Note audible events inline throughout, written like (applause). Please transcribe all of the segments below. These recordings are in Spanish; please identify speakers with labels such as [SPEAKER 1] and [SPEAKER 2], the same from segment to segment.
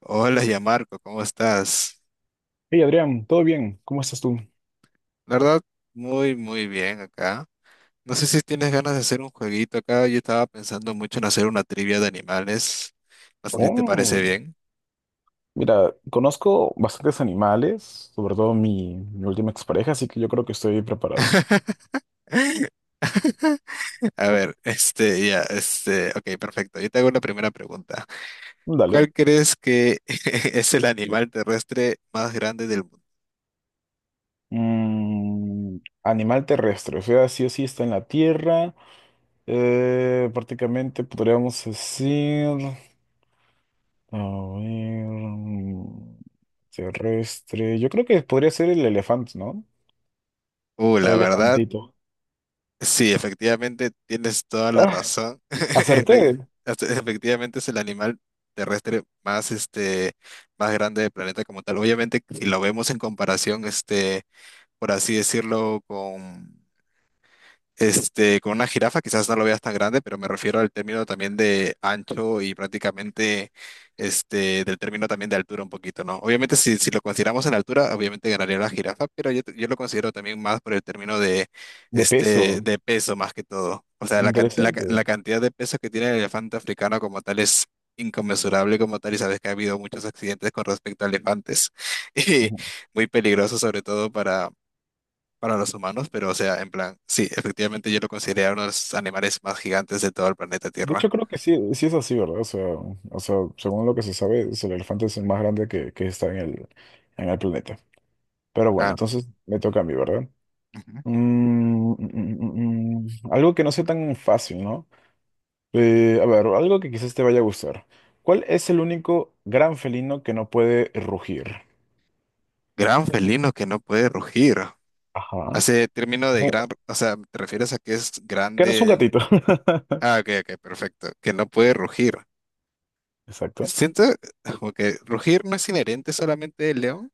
[SPEAKER 1] Hola, ya Marco, ¿cómo estás?
[SPEAKER 2] Hey Adrián, ¿todo bien? ¿Cómo estás tú?
[SPEAKER 1] La verdad, muy bien acá. No sé si tienes ganas de hacer un jueguito acá. Yo estaba pensando mucho en hacer una trivia de animales. No sé si te parece
[SPEAKER 2] Oh,
[SPEAKER 1] bien.
[SPEAKER 2] mira, conozco bastantes animales, sobre todo mi última expareja, así que yo creo que estoy preparado.
[SPEAKER 1] (laughs) A ver, ok, perfecto. Yo te hago la primera pregunta.
[SPEAKER 2] Dale.
[SPEAKER 1] ¿Cuál crees que (laughs) es el animal terrestre más grande del mundo?
[SPEAKER 2] Mm, animal terrestre, o sea, sí o sí está en la tierra. Prácticamente podríamos decir. A ver. Terrestre. Yo creo que podría ser el elefante, ¿no? El
[SPEAKER 1] La verdad,
[SPEAKER 2] elefantito.
[SPEAKER 1] sí, efectivamente tienes toda la
[SPEAKER 2] Ah,
[SPEAKER 1] razón. (laughs)
[SPEAKER 2] acerté.
[SPEAKER 1] Efectivamente es el animal terrestre más más grande del planeta como tal. Obviamente si lo vemos en comparación, por así decirlo con con una jirafa quizás no lo veas tan grande, pero me refiero al término también de ancho y prácticamente del término también de altura un poquito, ¿no? Obviamente si lo consideramos en altura, obviamente ganaría la jirafa, pero yo lo considero también más por el término de,
[SPEAKER 2] De peso.
[SPEAKER 1] este, de peso más que todo. O sea, la
[SPEAKER 2] Interesante.
[SPEAKER 1] cantidad de peso que tiene el elefante africano como tal es inconmensurable como tal y sabes que ha habido muchos accidentes con respecto a elefantes (laughs) y muy peligroso sobre todo para los humanos, pero o sea, en plan, sí, efectivamente yo lo consideré uno de los animales más gigantes de todo el planeta
[SPEAKER 2] De
[SPEAKER 1] Tierra.
[SPEAKER 2] hecho, creo que sí, sí es así, ¿verdad? O sea, según lo que se sabe, es el elefante es el más grande que está en en el planeta. Pero bueno,
[SPEAKER 1] Claro.
[SPEAKER 2] entonces me toca a mí, ¿verdad?
[SPEAKER 1] Ujú.
[SPEAKER 2] Mm, mm, mm, mm. Algo que no sea tan fácil, ¿no? A ver, algo que quizás te vaya a gustar. ¿Cuál es el único gran felino que no puede rugir?
[SPEAKER 1] Gran felino que no puede rugir.
[SPEAKER 2] Ajá.
[SPEAKER 1] Hace término
[SPEAKER 2] Es
[SPEAKER 1] de
[SPEAKER 2] un-
[SPEAKER 1] gran, o sea, ¿te refieres a que es
[SPEAKER 2] que no es un
[SPEAKER 1] grande?
[SPEAKER 2] gatito. (laughs)
[SPEAKER 1] Ah, ok, perfecto. Que no puede rugir.
[SPEAKER 2] Exacto.
[SPEAKER 1] Siento como que rugir no es inherente solamente del león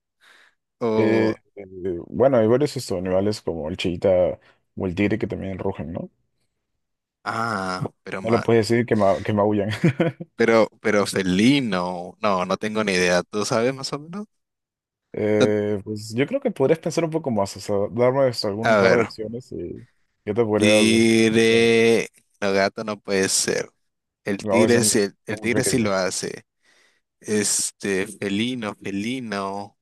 [SPEAKER 2] Eh,
[SPEAKER 1] o...
[SPEAKER 2] eh, bueno, hay varios estos animales como el cheetah o el tigre que también rugen, ¿no?
[SPEAKER 1] Ah, pero
[SPEAKER 2] No
[SPEAKER 1] ma...
[SPEAKER 2] le puedes decir que maullan.
[SPEAKER 1] Pero felino. No, no tengo ni idea. ¿Tú sabes más o menos? Ta-
[SPEAKER 2] Pues yo creo que podrías pensar un poco más, o sea, darme hasta
[SPEAKER 1] A
[SPEAKER 2] algún par de
[SPEAKER 1] ver.
[SPEAKER 2] opciones y yo te podría decir. Bueno,
[SPEAKER 1] Tigre. No, gato no puede ser. El
[SPEAKER 2] no,
[SPEAKER 1] tigre sí, el
[SPEAKER 2] son muy
[SPEAKER 1] tigre sí
[SPEAKER 2] pequeñas.
[SPEAKER 1] lo hace. Este, felino.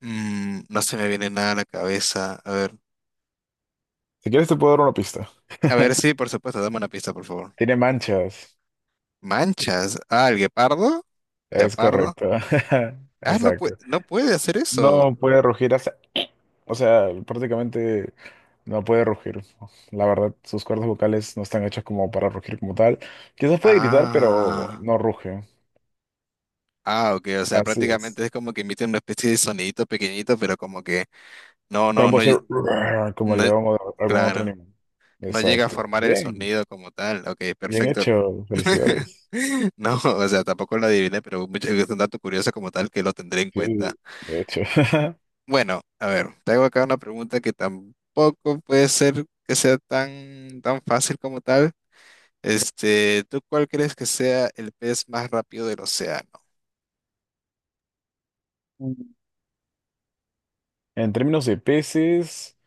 [SPEAKER 1] Mm, no se me viene nada a la cabeza. A ver.
[SPEAKER 2] Si quieres te puedo dar una pista.
[SPEAKER 1] A ver,
[SPEAKER 2] (laughs)
[SPEAKER 1] sí, por supuesto, dame una pista, por favor.
[SPEAKER 2] Tiene manchas.
[SPEAKER 1] Manchas. Ah, el guepardo.
[SPEAKER 2] Es
[SPEAKER 1] Leopardo.
[SPEAKER 2] correcto. (laughs)
[SPEAKER 1] Ah,
[SPEAKER 2] Exacto.
[SPEAKER 1] no puede hacer eso.
[SPEAKER 2] No puede rugir hasta... O sea, prácticamente no puede rugir. La verdad, sus cuerdas vocales no están hechas como para rugir como tal. Quizás puede gritar, pero
[SPEAKER 1] Ah.
[SPEAKER 2] no ruge.
[SPEAKER 1] Ah, ok, o sea,
[SPEAKER 2] Así es.
[SPEAKER 1] prácticamente es como que emite una especie de sonidito pequeñito, pero como que no,
[SPEAKER 2] No
[SPEAKER 1] no,
[SPEAKER 2] puede
[SPEAKER 1] no,
[SPEAKER 2] ser
[SPEAKER 1] ll-
[SPEAKER 2] (laughs) "Ruar", como el
[SPEAKER 1] no,
[SPEAKER 2] león o algún otro
[SPEAKER 1] claro.
[SPEAKER 2] animal.
[SPEAKER 1] No llega a
[SPEAKER 2] Exacto.
[SPEAKER 1] formar el
[SPEAKER 2] Bien,
[SPEAKER 1] sonido como tal. Ok,
[SPEAKER 2] bien
[SPEAKER 1] perfecto.
[SPEAKER 2] hecho.
[SPEAKER 1] (laughs)
[SPEAKER 2] Felicidades.
[SPEAKER 1] No, o sea, tampoco lo adiviné, pero mucho- es un dato curioso como tal que lo tendré en
[SPEAKER 2] Sí,
[SPEAKER 1] cuenta.
[SPEAKER 2] de hecho. (laughs)
[SPEAKER 1] Bueno, a ver, te hago acá una pregunta que tampoco puede ser que sea tan fácil como tal. Este, ¿tú cuál crees que sea el pez más rápido del océano?
[SPEAKER 2] En términos de peces,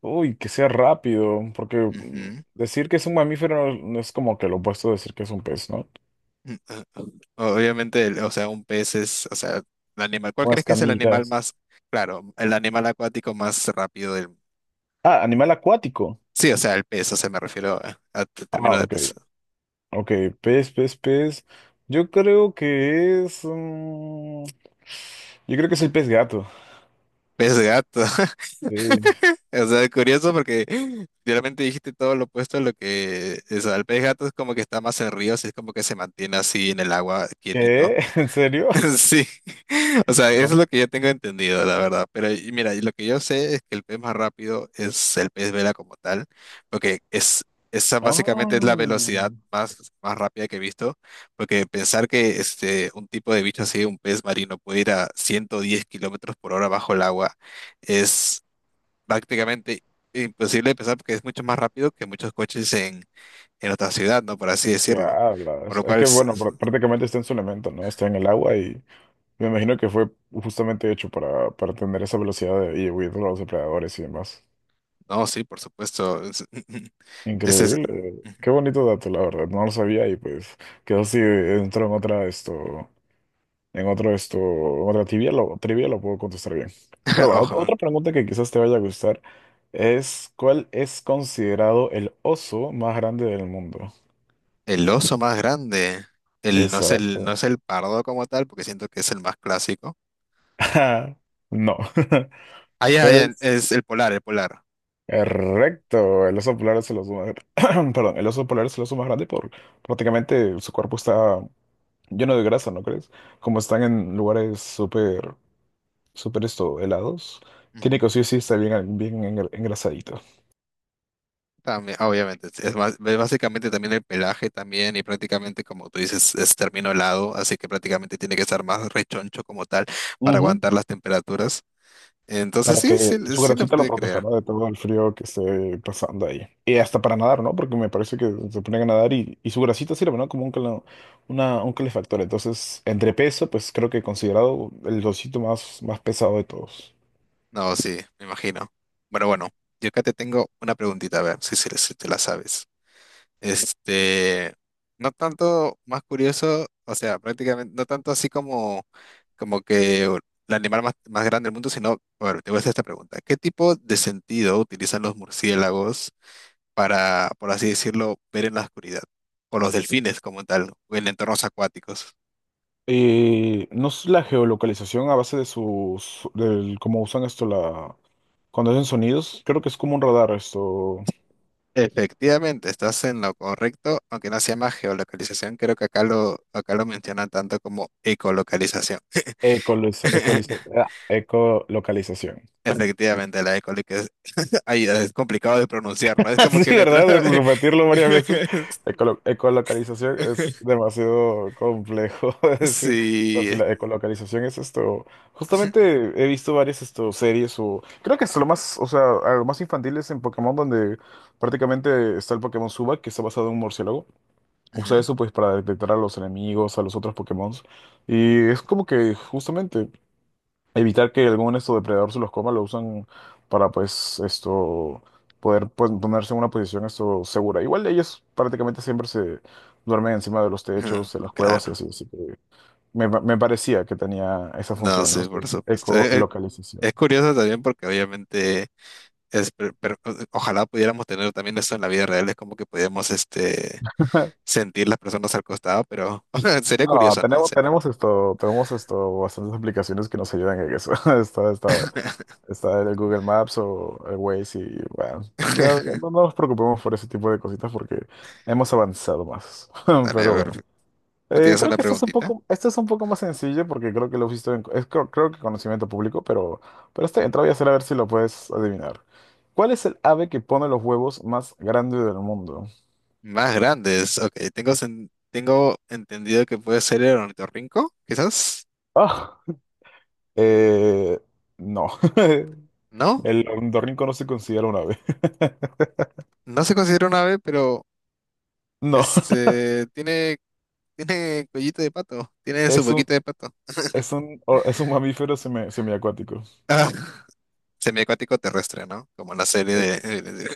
[SPEAKER 2] uy, que sea rápido, porque
[SPEAKER 1] Ujú.
[SPEAKER 2] decir que es un mamífero no, no es como que lo opuesto de decir que es un pez, ¿no?
[SPEAKER 1] Mm, ah, ah. Obviamente, el- o sea, un pez es, o sea, el animal. ¿Cuál
[SPEAKER 2] Con
[SPEAKER 1] crees que es el animal
[SPEAKER 2] escamitas.
[SPEAKER 1] más, claro, el animal acuático más rápido del
[SPEAKER 2] Ah, animal acuático.
[SPEAKER 1] sí, o sea, el pez, o sea, me refiero a tu
[SPEAKER 2] Ah,
[SPEAKER 1] término de
[SPEAKER 2] ok.
[SPEAKER 1] pez.
[SPEAKER 2] Ok, pez. Yo creo que es... yo creo que es el pez gato.
[SPEAKER 1] Pez gato. (laughs)
[SPEAKER 2] Sí.
[SPEAKER 1] O sea, es curioso porque realmente dijiste todo lo opuesto a lo que... es el pez gato es como que está más en ríos, es como que se mantiene así en el agua quietito.
[SPEAKER 2] ¿Qué? (laughs) ¿En serio?
[SPEAKER 1] (laughs) Sí, o sea, eso es lo
[SPEAKER 2] No.
[SPEAKER 1] que yo tengo entendido, la verdad. Pero y mira, y lo que yo sé es que el pez más rápido es el pez vela como tal, porque es esa básicamente es la
[SPEAKER 2] Oh,
[SPEAKER 1] velocidad más rápida que he visto, porque pensar que un tipo de bicho así, un pez marino, puede ir a 110 kilómetros por hora bajo el agua es prácticamente imposible de pensar porque es mucho más rápido que muchos coches en otra ciudad, ¿no? Por así
[SPEAKER 2] ¿qué
[SPEAKER 1] decirlo. Por
[SPEAKER 2] hablas?
[SPEAKER 1] lo
[SPEAKER 2] Es
[SPEAKER 1] cual,
[SPEAKER 2] que,
[SPEAKER 1] s-
[SPEAKER 2] bueno,
[SPEAKER 1] (laughs)
[SPEAKER 2] prácticamente está en su elemento, ¿no? Está en el agua y me imagino que fue justamente hecho para tener esa velocidad de, y huir de los depredadores y demás.
[SPEAKER 1] no, sí, por supuesto. (laughs) Ese es,
[SPEAKER 2] Increíble. Qué bonito dato, la verdad. No lo sabía y pues quedó así, dentro en otra esto, en otro esto, en otra trivia lo puedo contestar bien. Pero
[SPEAKER 1] (laughs)
[SPEAKER 2] bueno,
[SPEAKER 1] ojo,
[SPEAKER 2] otra pregunta que quizás te vaya a gustar es, ¿cuál es considerado el oso más grande del mundo?
[SPEAKER 1] el oso más grande. El, no
[SPEAKER 2] Exacto.
[SPEAKER 1] es el pardo como tal, porque siento que es el más clásico.
[SPEAKER 2] Ah, no. (laughs)
[SPEAKER 1] Ah,
[SPEAKER 2] Es
[SPEAKER 1] es el polar, el polar.
[SPEAKER 2] correcto. El oso polar es el oso más... (clears throat) Perdón, el oso polar es el oso más grande por prácticamente su cuerpo está lleno de grasa, ¿no crees? Como están en lugares súper, súper esto, helados, tiene
[SPEAKER 1] Ujú.
[SPEAKER 2] que sí o sí estar bien, engrasadito.
[SPEAKER 1] También, obviamente, es básicamente también el pelaje también y prácticamente como tú dices es término helado, así que prácticamente tiene que estar más rechoncho como tal para aguantar las temperaturas. Entonces
[SPEAKER 2] Para
[SPEAKER 1] sí,
[SPEAKER 2] que
[SPEAKER 1] sí,
[SPEAKER 2] su
[SPEAKER 1] sí lo
[SPEAKER 2] grasita lo
[SPEAKER 1] puede
[SPEAKER 2] proteja,
[SPEAKER 1] creer.
[SPEAKER 2] ¿no? De todo el frío que esté pasando ahí. Y hasta para nadar, ¿no? Porque me parece que se ponen a nadar y su grasita sirve, ¿no? Como un calefactor. Entonces, entre peso, pues creo que considerado el osito más, más pesado de todos.
[SPEAKER 1] No, sí, me imagino. Bueno, yo acá te tengo una preguntita, a ver si te la sabes. Este, no tanto más curioso, o sea, prácticamente, no tanto así como, como que el animal más grande del mundo, sino, bueno, te voy a hacer esta pregunta. ¿Qué tipo de sentido utilizan los murciélagos para, por así decirlo, ver en la oscuridad? O los delfines como tal, o en entornos acuáticos.
[SPEAKER 2] No es la geolocalización a base de cómo usan esto, la, cuando hacen sonidos, creo que es como un radar esto,
[SPEAKER 1] Efectivamente, estás en lo correcto, aunque no se llama geolocalización, creo que acá lo mencionan tanto como ecolocalización. (laughs)
[SPEAKER 2] ecolocalización.
[SPEAKER 1] Efectivamente, la ecoloca- Ay, es complicado de pronunciar, ¿no? Es
[SPEAKER 2] (laughs)
[SPEAKER 1] como
[SPEAKER 2] Sí,
[SPEAKER 1] que me
[SPEAKER 2] ¿verdad? De
[SPEAKER 1] trae.
[SPEAKER 2] repetirlo varias veces.
[SPEAKER 1] (laughs)
[SPEAKER 2] Ecolocalización es demasiado complejo (laughs) de decir. Pero
[SPEAKER 1] Sí.
[SPEAKER 2] si
[SPEAKER 1] Es-
[SPEAKER 2] la ecolocalización es esto.
[SPEAKER 1] (laughs)
[SPEAKER 2] Justamente he visto varias esto, series o. Creo que es lo más. O sea, a lo más infantil es en Pokémon, donde prácticamente está el Pokémon Suba, que está basado en un murciélago.
[SPEAKER 1] Ujú,
[SPEAKER 2] Usa eso pues para detectar a los enemigos, a los otros Pokémon. Y es como que justamente evitar que algún esto depredador se los coma, lo usan para pues esto poder pues, ponerse en una posición esto segura. Igual ellos prácticamente siempre se duermen encima de los techos, en las cuevas y
[SPEAKER 1] Claro.
[SPEAKER 2] así, así que me parecía que tenía esa
[SPEAKER 1] No,
[SPEAKER 2] función, ¿no?
[SPEAKER 1] sí, por
[SPEAKER 2] Su
[SPEAKER 1] supuesto.
[SPEAKER 2] ecolocalización.
[SPEAKER 1] Es curioso también porque obviamente es ojalá pudiéramos tener también eso en la vida real, es como que pudiéramos
[SPEAKER 2] (laughs)
[SPEAKER 1] sentir las personas al costado, pero (laughs) sería
[SPEAKER 2] No,
[SPEAKER 1] curioso, ¿no? Sería-
[SPEAKER 2] tenemos esto, bastantes aplicaciones que nos ayudan en eso. (laughs) Está, está, Está el Google Maps o el Waze y bueno, no,
[SPEAKER 1] (laughs)
[SPEAKER 2] nos preocupemos por ese tipo de cositas porque hemos avanzado más. (laughs)
[SPEAKER 1] Dale, a
[SPEAKER 2] Pero bueno.
[SPEAKER 1] ver, ¿tú tienes
[SPEAKER 2] Creo
[SPEAKER 1] una
[SPEAKER 2] que
[SPEAKER 1] preguntita?
[SPEAKER 2] esto es un poco más sencillo porque creo que lo visto en, es, creo, creo que conocimiento público, pero está bien, te lo voy a hacer a ver si lo puedes adivinar. ¿Cuál es el ave que pone los huevos más grande del mundo?
[SPEAKER 1] Más grandes, ok. Tengo, sen- tengo entendido que puede ser el ornitorrinco, quizás.
[SPEAKER 2] Ah, eh, no. (laughs)
[SPEAKER 1] No,
[SPEAKER 2] El ornitorrinco no se considera un ave. (laughs)
[SPEAKER 1] no se considera una ave, pero
[SPEAKER 2] No,
[SPEAKER 1] este tiene, tiene cuellito de pato, tiene su
[SPEAKER 2] es un,
[SPEAKER 1] boquita de pato.
[SPEAKER 2] es un mamífero semiacuático.
[SPEAKER 1] Ah, (laughs) semiacuático terrestre, ¿no? Como la serie de,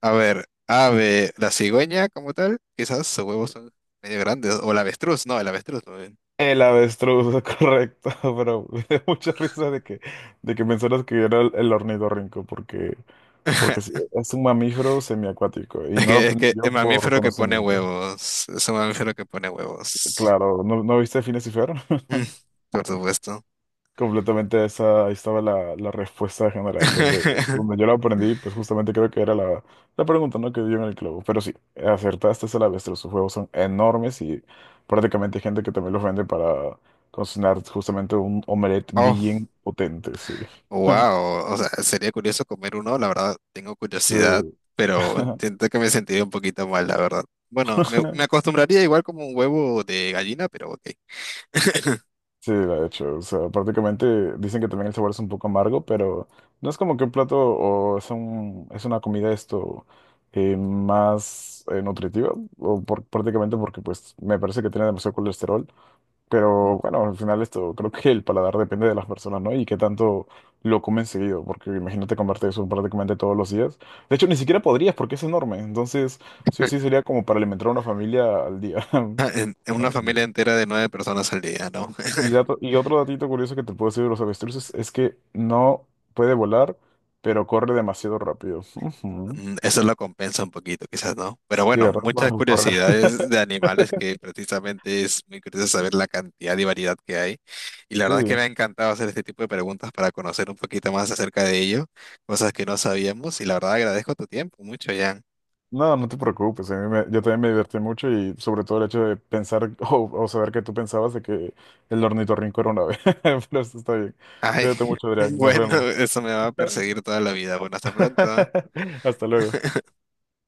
[SPEAKER 1] A ver, ave, la cigüeña como tal, quizás sus huevos son medio grandes. O el avestruz, no, el avestruz más bien.
[SPEAKER 2] El avestruz, (laughs) correcto, pero me dio mucha risa de que mencionas que era el ornitorrinco, porque, porque sí,
[SPEAKER 1] (laughs)
[SPEAKER 2] es un mamífero semiacuático y
[SPEAKER 1] Es
[SPEAKER 2] no lo
[SPEAKER 1] que, es
[SPEAKER 2] aprendí
[SPEAKER 1] que el
[SPEAKER 2] yo por
[SPEAKER 1] mamífero que pone
[SPEAKER 2] conocimiento.
[SPEAKER 1] huevos. Es un mamífero que pone huevos.
[SPEAKER 2] Claro, ¿no, no viste Phineas y Fer?
[SPEAKER 1] Mm, por supuesto.
[SPEAKER 2] Completamente esa, ahí estaba la respuesta general, donde, donde yo
[SPEAKER 1] (laughs)
[SPEAKER 2] la aprendí, pues justamente creo que era la pregunta, ¿no? Que dio en el clavo. Pero sí, acertaste esa la bestia, sus juegos son enormes y prácticamente hay gente que también los vende para cocinar justamente un omelette
[SPEAKER 1] Oh.
[SPEAKER 2] bien potente, sí. (laughs)
[SPEAKER 1] Wow, o sea, sería curioso comer uno, la verdad, tengo
[SPEAKER 2] Sí.
[SPEAKER 1] curiosidad, pero
[SPEAKER 2] (laughs)
[SPEAKER 1] siento que me sentiría un poquito mal, la verdad. Bueno, me acostumbraría igual como un huevo de gallina, pero ok. (laughs)
[SPEAKER 2] Sí, de hecho, o sea, prácticamente dicen que también el sabor es un poco amargo, pero no es como que un plato o es una comida esto más nutritiva, prácticamente porque pues me parece que tiene demasiado colesterol,
[SPEAKER 1] Ujú.
[SPEAKER 2] pero bueno, al final esto creo que el paladar depende de las personas, ¿no? Y qué tanto lo comen seguido, porque imagínate comerte eso prácticamente todos los días. De hecho, ni siquiera podrías porque es enorme, entonces sí o sí sería como para alimentar a una familia al día. (laughs)
[SPEAKER 1] En
[SPEAKER 2] No,
[SPEAKER 1] una
[SPEAKER 2] no, no.
[SPEAKER 1] familia entera de nueve personas al día, ¿no? (laughs)
[SPEAKER 2] Y otro datito curioso que te puedo decir de los avestruces es que no puede volar, pero corre demasiado rápido. Ujú.
[SPEAKER 1] Mm, eso lo compensa un poquito, quizás, ¿no? Pero
[SPEAKER 2] Sí,
[SPEAKER 1] bueno,
[SPEAKER 2] ¿verdad?
[SPEAKER 1] muchas
[SPEAKER 2] Para correr.
[SPEAKER 1] curiosidades de animales
[SPEAKER 2] (laughs)
[SPEAKER 1] que precisamente es muy curioso saber la cantidad y variedad que hay. Y la
[SPEAKER 2] Sí.
[SPEAKER 1] verdad es que me ha encantado hacer este tipo de preguntas para conocer un poquito más acerca de ello, cosas que no sabíamos. Y la verdad agradezco tu tiempo mucho, Jan.
[SPEAKER 2] No, no te preocupes. Yo también me divertí mucho y sobre todo el hecho de pensar (laughs) o saber que tú pensabas de que el ornitorrinco era una ave. (laughs) Pero eso está bien.
[SPEAKER 1] Ay,
[SPEAKER 2] Cuídate
[SPEAKER 1] (laughs)
[SPEAKER 2] mucho, Adrián. Nos
[SPEAKER 1] bueno,
[SPEAKER 2] vemos.
[SPEAKER 1] eso me va a perseguir toda la vida. Bueno, hasta pronto.
[SPEAKER 2] (laughs) Hasta luego.